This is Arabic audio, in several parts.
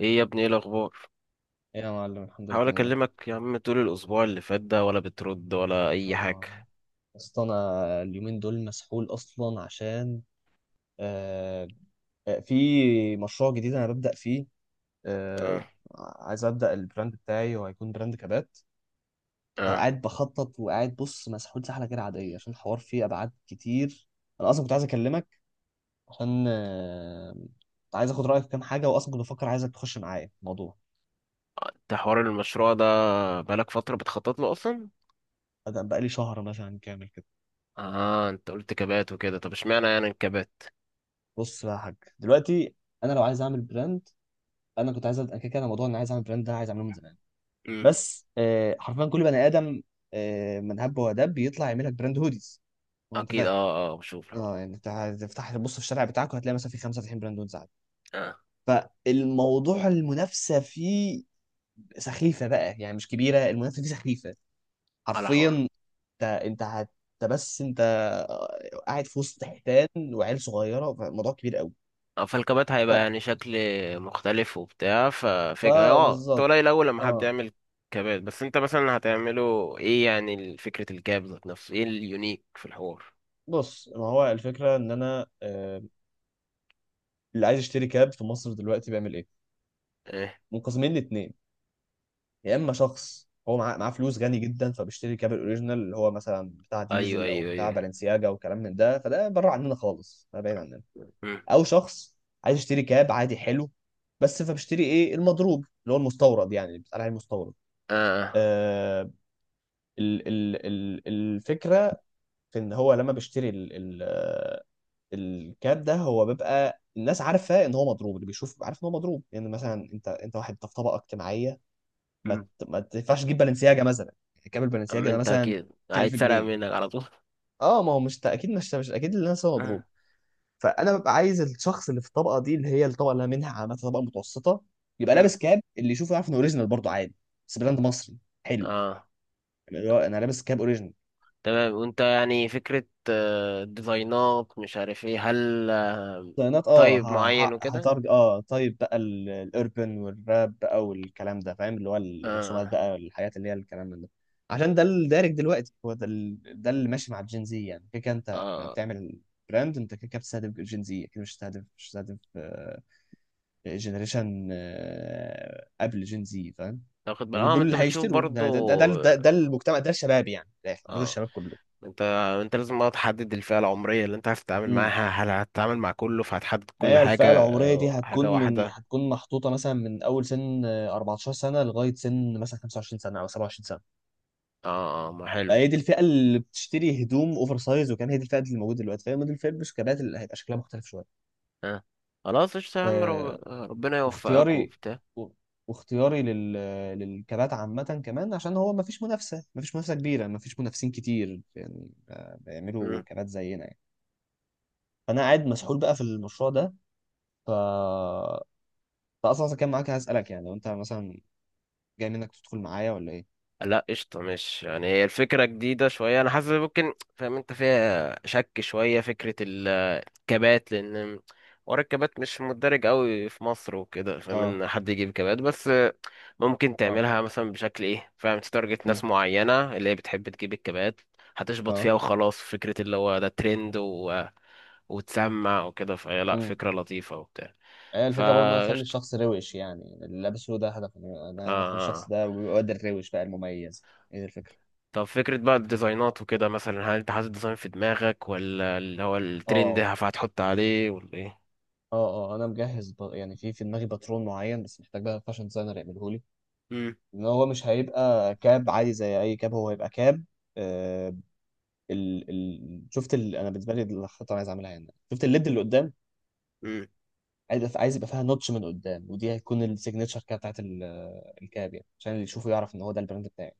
ايه يا ابني، ايه الاخبار؟ ايه يا معلم، الحمد لله حاول تمام. اكلمك يا عم طول الاسبوع اللي فات ده، ولا بترد ولا اي اه، حاجه؟ اصل انا اليومين دول مسحول اصلا عشان آه في مشروع جديد انا ببدأ فيه. آه اه، عايز ابدأ البراند بتاعي وهيكون براند كبات. اه. فقاعد بخطط وقاعد بص، مسحول سحلة غير عادية عشان الحوار فيه ابعاد كتير. انا اصلا كنت عايز اكلمك عشان عايز اخد رأيك في كام حاجة، واصلا كنت بفكر عايزك تخش معايا في الموضوع. انت حوار المشروع ده بقالك فتره بتخطط له اصلا؟ بدأ بقالي شهر مثلا كامل كده. اه، انت قلت كبات وكده. طب اشمعنى يعني الكبات؟ بص بقى يا حاج دلوقتي، انا لو عايز اعمل براند، انا كنت عايز أبدأ- انا كده كده أنا موضوع ان عايز اعمل براند ده عايز اعمله من زمان. امم. بس حرفيا كل بني ادم، من هب ودب بيطلع يعمل لك براند هوديز، وانت اكيد. فاهم. اه، اه، بشوف الحوار اه ده. يعني انت هتفتح تبص في الشارع بتاعك وهتلاقي مثلا في خمسه فاتحين براند هوديز عادي. اه، فالموضوع المنافسه فيه سخيفه بقى، يعني مش كبيره المنافسه فيه، سخيفه على حرفيا. حوار. انت انت هت انت بس انت قاعد في وسط حيتان وعيال صغيره، فالموضوع كبير قوي. اه، فالكبات ف... هيبقى يعني شكل مختلف وبتاع. ففكرة انت فبالظبط. قليل اول لما حد اه يعمل كبات، بس انت مثلا هتعمله ايه؟ يعني فكره الكاب ذات نفسه، ايه اليونيك في الحوار؟ بص، ما هو الفكره ان انا، اللي عايز يشتري كاب في مصر دلوقتي بيعمل ايه؟ ايه. منقسمين لاتنين. يا اما شخص هو معاه فلوس غني جدا فبيشتري كاب الاوريجينال اللي هو مثلا بتاع ايوه، ديزل او ايوه، بتاع ايوه. بالنسياجا وكلام من ده، فده بره عننا خالص، ده بعيد عننا. مم. او شخص عايز يشتري كاب عادي حلو بس، فبيشتري ايه، المضروب اللي هو المستورد، يعني اللي بيتقال عليه المستورد. اه. آه ال ال ال الفكره في ان هو لما بيشتري الكات ده هو بيبقى الناس عارفه ان هو مضروب، اللي بيشوف عارف ان هو مضروب. لان يعني مثلا، انت واحد انت في طبقه اجتماعيه، مم. ما تنفعش تجيب بالنسياجه مثلا، يعني كامل بالنسياجه اما ده انت مثلا اكيد 20000 هيتسرق جنيه منك على طول. اه ما هو مش اكيد، مش اكيد اللي الناس هو اه. مضروب. فانا ببقى عايز الشخص اللي في الطبقه دي، اللي هي الطبقه اللي أنا منها، عامه طبقه متوسطه، يبقى مم. لابس كاب اللي يشوفه يعرف انه اوريجينال برضه عادي، بس براند مصري حلو. اه، يعني اللي هو انا لابس كاب اوريجينال. تمام. وانت يعني فكرة ديزاينات، مش عارف ايه، هل الصيانات اه طيب معين وكده. هترج. اه طيب بقى الاربن والراب بقى والكلام ده فاهم، اللي هو الرسومات اه، بقى، الحاجات اللي هي الكلام من ده، عشان ده الدارج دلوقتي، هو ده ده اللي ماشي مع الجين زي. يعني كده كده انت لما اه، بتعمل براند انت كده كده بتستهدف جين زي، اكيد مش هتستهدف جنريشن قبل جين زي فاهم. تاخد بالك يعني ما دول انت اللي بتشوف هيشتروا برضو. ده المجتمع ده الشباب يعني، من الآخر، دول اه، الشباب كله. انت انت لازم بقى تحدد الفئة العمرية اللي انت عايز تتعامل معاها. هل هتتعامل مع كله فهتحدد ما كل هي حاجة؟ الفئة العمرية دي حاجة هتكون من، واحدة. محطوطة مثلا من أول سن، 14 سنة لغاية سن مثلا 25 سنة أو 27 سنة. اه، اه، ما حلو. هي دي الفئة اللي بتشتري هدوم أوفر سايز وكان هي دي الفئة اللي موجودة دلوقتي، فهي دي الفئة بس كبات اللي هيبقى شكلها مختلف شوية. اه، خلاص قشطة يا عم. آه، ربنا يوفقك واختياري وبتاع. و- واختياري لل... للكبات عامة كمان، عشان هو مفيش منافسة، مفيش منافسة كبيرة، مفيش منافسين كتير يعني بيعملوا كبات زينا يعني. فأنا قاعد مسحول بقى في المشروع ده. ف فأصلا أصلاً كان معاك هسألك يعني، لو أنت مثلا جاي منك تدخل معايا ولا ايه. لا، قشطة. مش يعني، هي الفكرة جديدة شوية، أنا حاسس ممكن فاهم أنت فيها شك شوية فكرة الكبات، لأن ورا الكبات مش متدرج قوي في مصر وكده، فاهم، اه إن حد يجيب كبات بس. ممكن اه. تعملها مثلا بشكل إيه، فاهم، تتارجت مم. ناس معينة اللي هي بتحب تجيب الكبات. هتشبط فيها اه. وخلاص. فكرة اللي هو ده ترند وتسمع وكده. فهي، لا، امم. فكرة لطيفة وبتاع. هي الفكره برضه إن انا اخلي فقشطة. الشخص روش يعني اللي لابسه ده هدف، آه. انا اخلي الشخص آه. ده الواد الروش بقى المميز. ايه ده الفكره. طب فكرة بقى الديزاينات وكده مثلا، هل انت حاطط ديزاين في دماغك ولا اللي هو الترند اه هتحط عليه ولا ايه؟ اه اه انا مجهز يعني في دماغي باترون معين، بس محتاج بقى فاشن ديزاينر يعمله لي، امم. ان هو مش هيبقى كاب عادي زي اي كاب، هو هيبقى كاب. آه شفت انا بالنسبه لي دي الخطه اللي عايز اعملها هنا، شفت الليد اللي قدام، امم. عايز يبقى فيها نوتش من قدام، ودي هتكون السيجنتشر كده بتاعت الكاب يعني، عشان اللي يشوفه يعرف ان هو ده البراند بتاعي.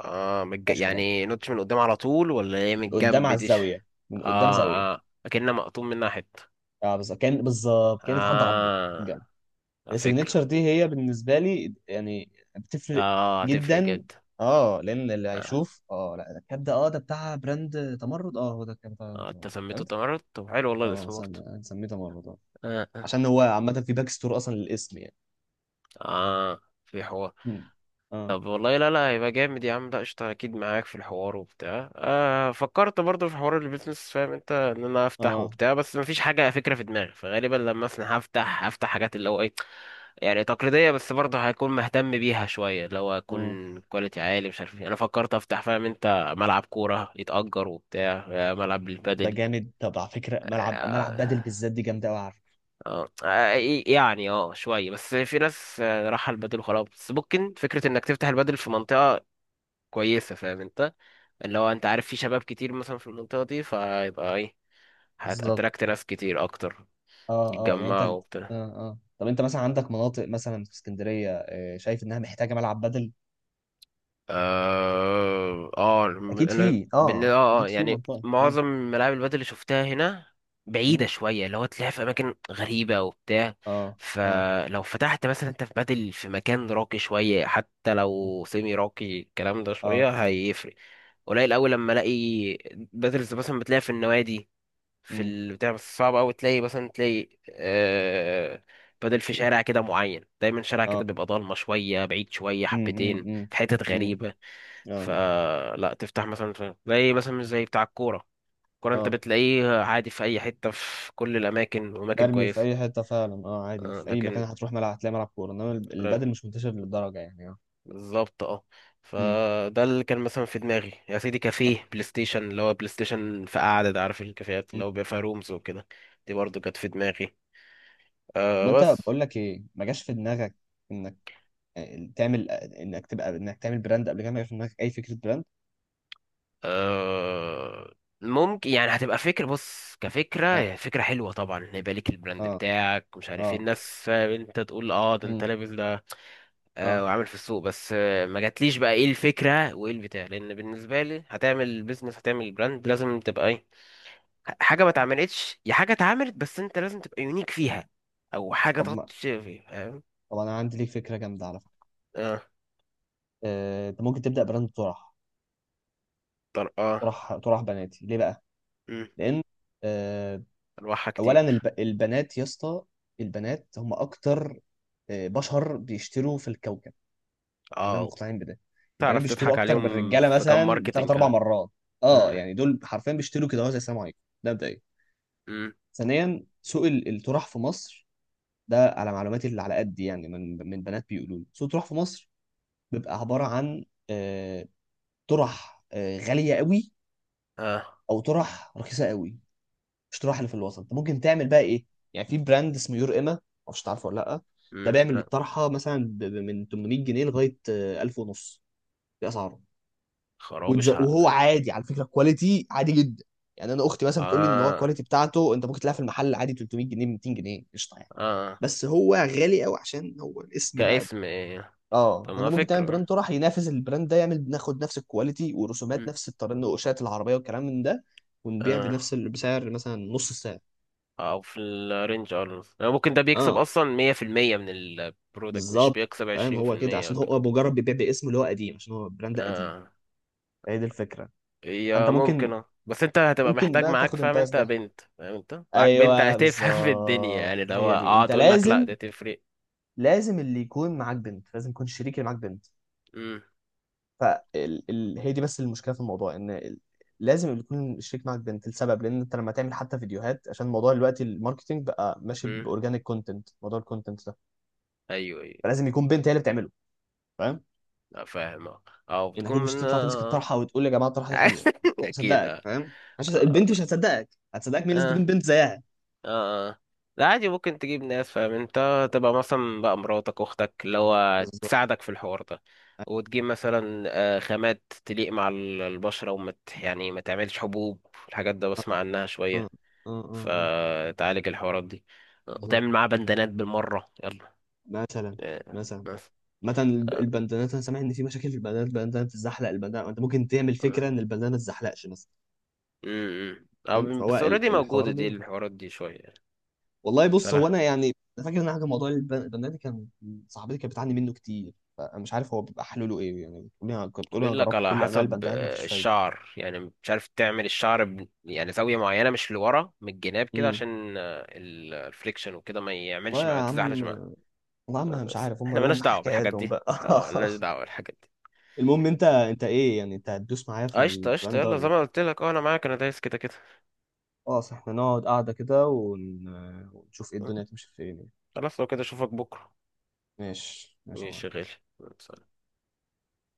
اه، مفيهاش كلام، يعني نوتش من قدام على طول ولا ايه، من من قدام الجنب على دي؟ الزاويه، من قدام زاويه. اه، اه، اكنها مقطوم منها حتة. اه بالظبط، كان في حد عضه جنب. اه. لا، فكرة. السيجنتشر دي هي بالنسبه لي يعني بتفرق اه، هتفرق جدا. جدا. اه لان اللي اه، هيشوف، اه لا ده الكاب ده، اه ده بتاع براند تمرد، اه هو ده الكاب بتاع براند آه. انت تمرد، سميته فهمت. تمرد. طب حلو والله اه الاسم برضه. سميه تمرد اه. اه. عشان هو عامه في باك ستور اصلا للاسم يعني. اه، في حوار. مم. اه طب والله، لا، لا، هيبقى جامد يا عم. لا، قشطة، أكيد معاك في الحوار وبتاع. فكرت برضه في حوار البيزنس، فاهم أنت، إن أنا أفتح وبتاع، بس مفيش حاجة فكرة في دماغي. فغالبا لما أصنع، هفتح حاجات اللي هو إيه. يعني تقليدية، بس برضه هكون مهتم بيها شوية، اللي هو اه. هكون كواليتي عالي، مش عارف إيه. أنا فكرت أفتح، فاهم أنت، ملعب كورة يتأجر وبتاع، ملعب طب ده للبادل. جامد، طب على فكره ملعب، ملعب آه. بدل بالذات دي جامده قوي على فكره. اه. يعني شوية. بس في ناس راحة البادل وخلاص. بس ممكن فكرة إنك تفتح البادل في منطقة كويسة، فاهم أنت. اللي هو انت عارف، في شباب كتير مثلا في المنطقة دي، فيبقى ايه، بالظبط. هتأتراكت ناس كتير اكتر. اه اه يعني انت يتجمعوا اه وبتاع. اه. طب انت مثلا عندك مناطق مثلا في اسكندريه، شايف انها محتاجه ملعب بدل؟ اه، اه. اكيد انا في، اه اكيد في يعني منطقه اه. معظم ملاعب البادل اللي شفتها هنا مم؟ بعيدة شوية، اللي هو تلاقيها في أماكن غريبة وبتاع. اه اه فلو فتحت مثلا أنت في بادل في مكان راقي شوية، حتى لو سيمي راقي، الكلام ده شوية اه. هيفرق. قليل أوي لما ألاقي بادل. مثلا بتلاقيها في النوادي، في امم البتاع، بس صعب أوي تلاقي، مثلا تلاقي بدل في شارع كده معين، دايما شارع كده بيبقى ضلمة شوية بعيد شوية امم حبتين امم في حتت امم. غريبة. اه فلا تفتح مثلا، تلاقي مثلا مش زي بتاع الكورة. الكورة انت اه. بتلاقيه عادي في أي حتة، في كل الأماكن وأماكن مرمي في كويسة. اي حته فعلا، اه عادي انت آه، في اي مكان لكن. هتروح ملعب هتلاقي ملعب كوره، انما لا. البدل مش منتشر للدرجه يعني اه. بالظبط، اه. امم. فده اللي كان مثلا في دماغي يا سيدي، كافيه بلاي ستيشن، اللي هو بلاي ستيشن في قعدة، ده عارف الكافيهات امم. اللي هو بيبقى فيها رومز وكده. دي برضه كانت في دماغي. طب آه، انت بس. بقول لك ايه، ما جاش في دماغك ان، تعمل انك تبقى انك تعمل براند قبل كده، ما يبقاش في دماغك اي فكره براند؟ آه، ممكن يعني هتبقى فكرة. بص كفكرة، اه هي فكرة حلوة طبعا، ان يبقى ليك البراند اه بتاعك، مش عارف ايه، اه. الناس فاهم انت، تقول ده انت مم. لابس ده. اه. وعامل في السوق. بس ما جاتليش بقى ايه الفكرة وايه البتاع، لان بالنسبة لي هتعمل بيزنس، هتعمل براند، لازم تبقى ايه. حاجة ما اتعملتش، يا حاجة اتعملت بس انت لازم تبقى يونيك فيها. او حاجة طب تحط ما فيها. فاهم. طب انا عندي ليك فكره جامده على فكره. اه. انت ممكن تبدا براند طرقة. طرح طرح بناتي ليه بقى؟ مم. لان، آه، انواعها اولا كتير. البنات يا اسطى، البنات هم اكتر بشر بيشتروا في الكوكب. خلينا اه، مقتنعين بده. البنات تعرف بيشتروا تضحك اكتر من عليهم الرجاله في كام مثلا بثلاث ماركتنج. اربع اه. مرات. اه آه. يعني دول حرفيا بيشتروا كده، هو زي السلام عليكم ده مبدئيا. مم. ثانيا، سوق الطرح في مصر، ده على معلوماتي اللي على قد يعني، من بنات بيقولوا لي، سوق الطرح في مصر بيبقى عباره عن، آه، طرح غاليه قوي، اه. او طرح رخيصه قوي، مش طرح اللي في الوسط. انت ممكن تعمل بقى ايه، يعني في براند اسمه يور اما، معرفش تعرفه ولا لا. ده مم. بيعمل لا. الطرحه مثلا من 800 جنيه لغايه، 1000 ونص، دي اسعاره. خرابش، ها. وهو عادي على فكره، كواليتي عادي جدا. يعني انا اختي مثلا بتقول لي ان هو آه. الكواليتي بتاعته انت ممكن تلاقيها في المحل عادي 300 جنيه، 200 جنيه، قشطه يعني. آه. بس هو غالي قوي عشان هو الاسم بقى. كاسم إيه؟ اه طب فانت ما ممكن تعمل فكرة. براند طرح ينافس البراند ده، يعمل ناخد نفس الكواليتي ورسومات مم. نفس التنقوشات العربيه والكلام من ده، ونبيع آه. بنفس بسعر مثلا نص السعر. أو في الرينج، يعني ممكن ده بيكسب اه أصلا 100% من البرودكت، مش بالظبط. بيكسب فاهم عشرين في هو كده المية عشان كده. هو مجرد بيبيع باسم اللي هو قديم، عشان هو براند قديم. آه. هي دي الفكره. فانت هي ممكن، ممكن، بس أنت هتبقى ممكن محتاج بقى معاك تاخد فاهم الباس أنت ده. بنت، فاهم أنت معاك بنت ايوه هتفهم في الدنيا. بالظبط يعني لو هي دي، انت تقول لك لأ لازم، ده تفرق. لازم اللي يكون معاك بنت، لازم يكون الشريك اللي معاك بنت. مم. فهي دي بس المشكله في الموضوع ان لازم يكون الشريك معاك بنت لسبب، لان انت لما تعمل حتى فيديوهات، عشان موضوع دلوقتي الماركتينج بقى ماشي مم. باورجانيك كونتنت، موضوع الكونتنت ده أيوه، أيوه. فلازم يكون بنت هي اللي بتعمله، فاهم. لا، فاهم. أه. أو انك بتكون اكيد مش من هتطلع تمسك الطرحه وتقول يا جماعه الطرحه دي حلوه، مش أكيد، هصدقك أه. فاهم، مش هص- آه. البنت مش هتصدقك، هتصدقك مين، لازم تكون آه. بنت زيها. اه، اه، لا، عادي، ممكن تجيب ناس فاهم انت، تبقى مثلا بقى مراتك اختك، اللي هو بالظبط. تساعدك في الحوار ده. اه وتجيب مثلا خامات تليق مع البشرة، وما ت- يعني ما تعملش حبوب، الحاجات ده بسمع عنها اه شوية. اه اه فتعالج الحوارات دي. بالظبط. وتعمل معاها بندانات بالمرة، يلا. مثلا، آه. مثلا، بس. مثلا آه. البندانات انا سامع ان في مشاكل في البندانات، البندانه بتتزحلق، البندانه انت ممكن تعمل آه. فكره ان البندانه ما تتزحلقش مثلا. م- م. آه. فاهم، فهو بس اوريدي الحوار موجودة دي، ده. الحوارات دي شوية يعني. والله بص هو فلا. انا يعني، أنا فاكر ان أنا حاجه موضوع البرنامج كان، صاحبتي كانت بتعاني منه كتير، فانا مش عارف هو بيبقى حلوله ايه يعني، بتقولي انا، كنت بتقولي انا بيقول لك جربت على كل انواع حسب البندانات مفيش فايده. الشعر. يعني مش عارف، تعمل الشعر يعني زاوية معينة، مش لورا من الجناب كده امم. عشان الفريكشن وكده ما يعملش، والله مع يا ما تزحلقش عم، مع. والله يا عم أنا مش بس عارف، هم احنا مالناش لهم دعوة بالحاجات حكاياتهم دي. بقى اه، مالناش دعوة بالحاجات دي. المهم انت، انت ايه يعني انت هتدوس معايا في قشطة، قشطة، البراند ده يلا ولا زي لا؟ ما قلت لك، انا معاك، انا دايس كده كده. خلاص احنا نقعد قاعده كده ونشوف ايه الدنيا هتمشي فين يعني. خلاص، لو كده اشوفك بكرة. ماشي ماشي يا معلم. ماشي يا غالي.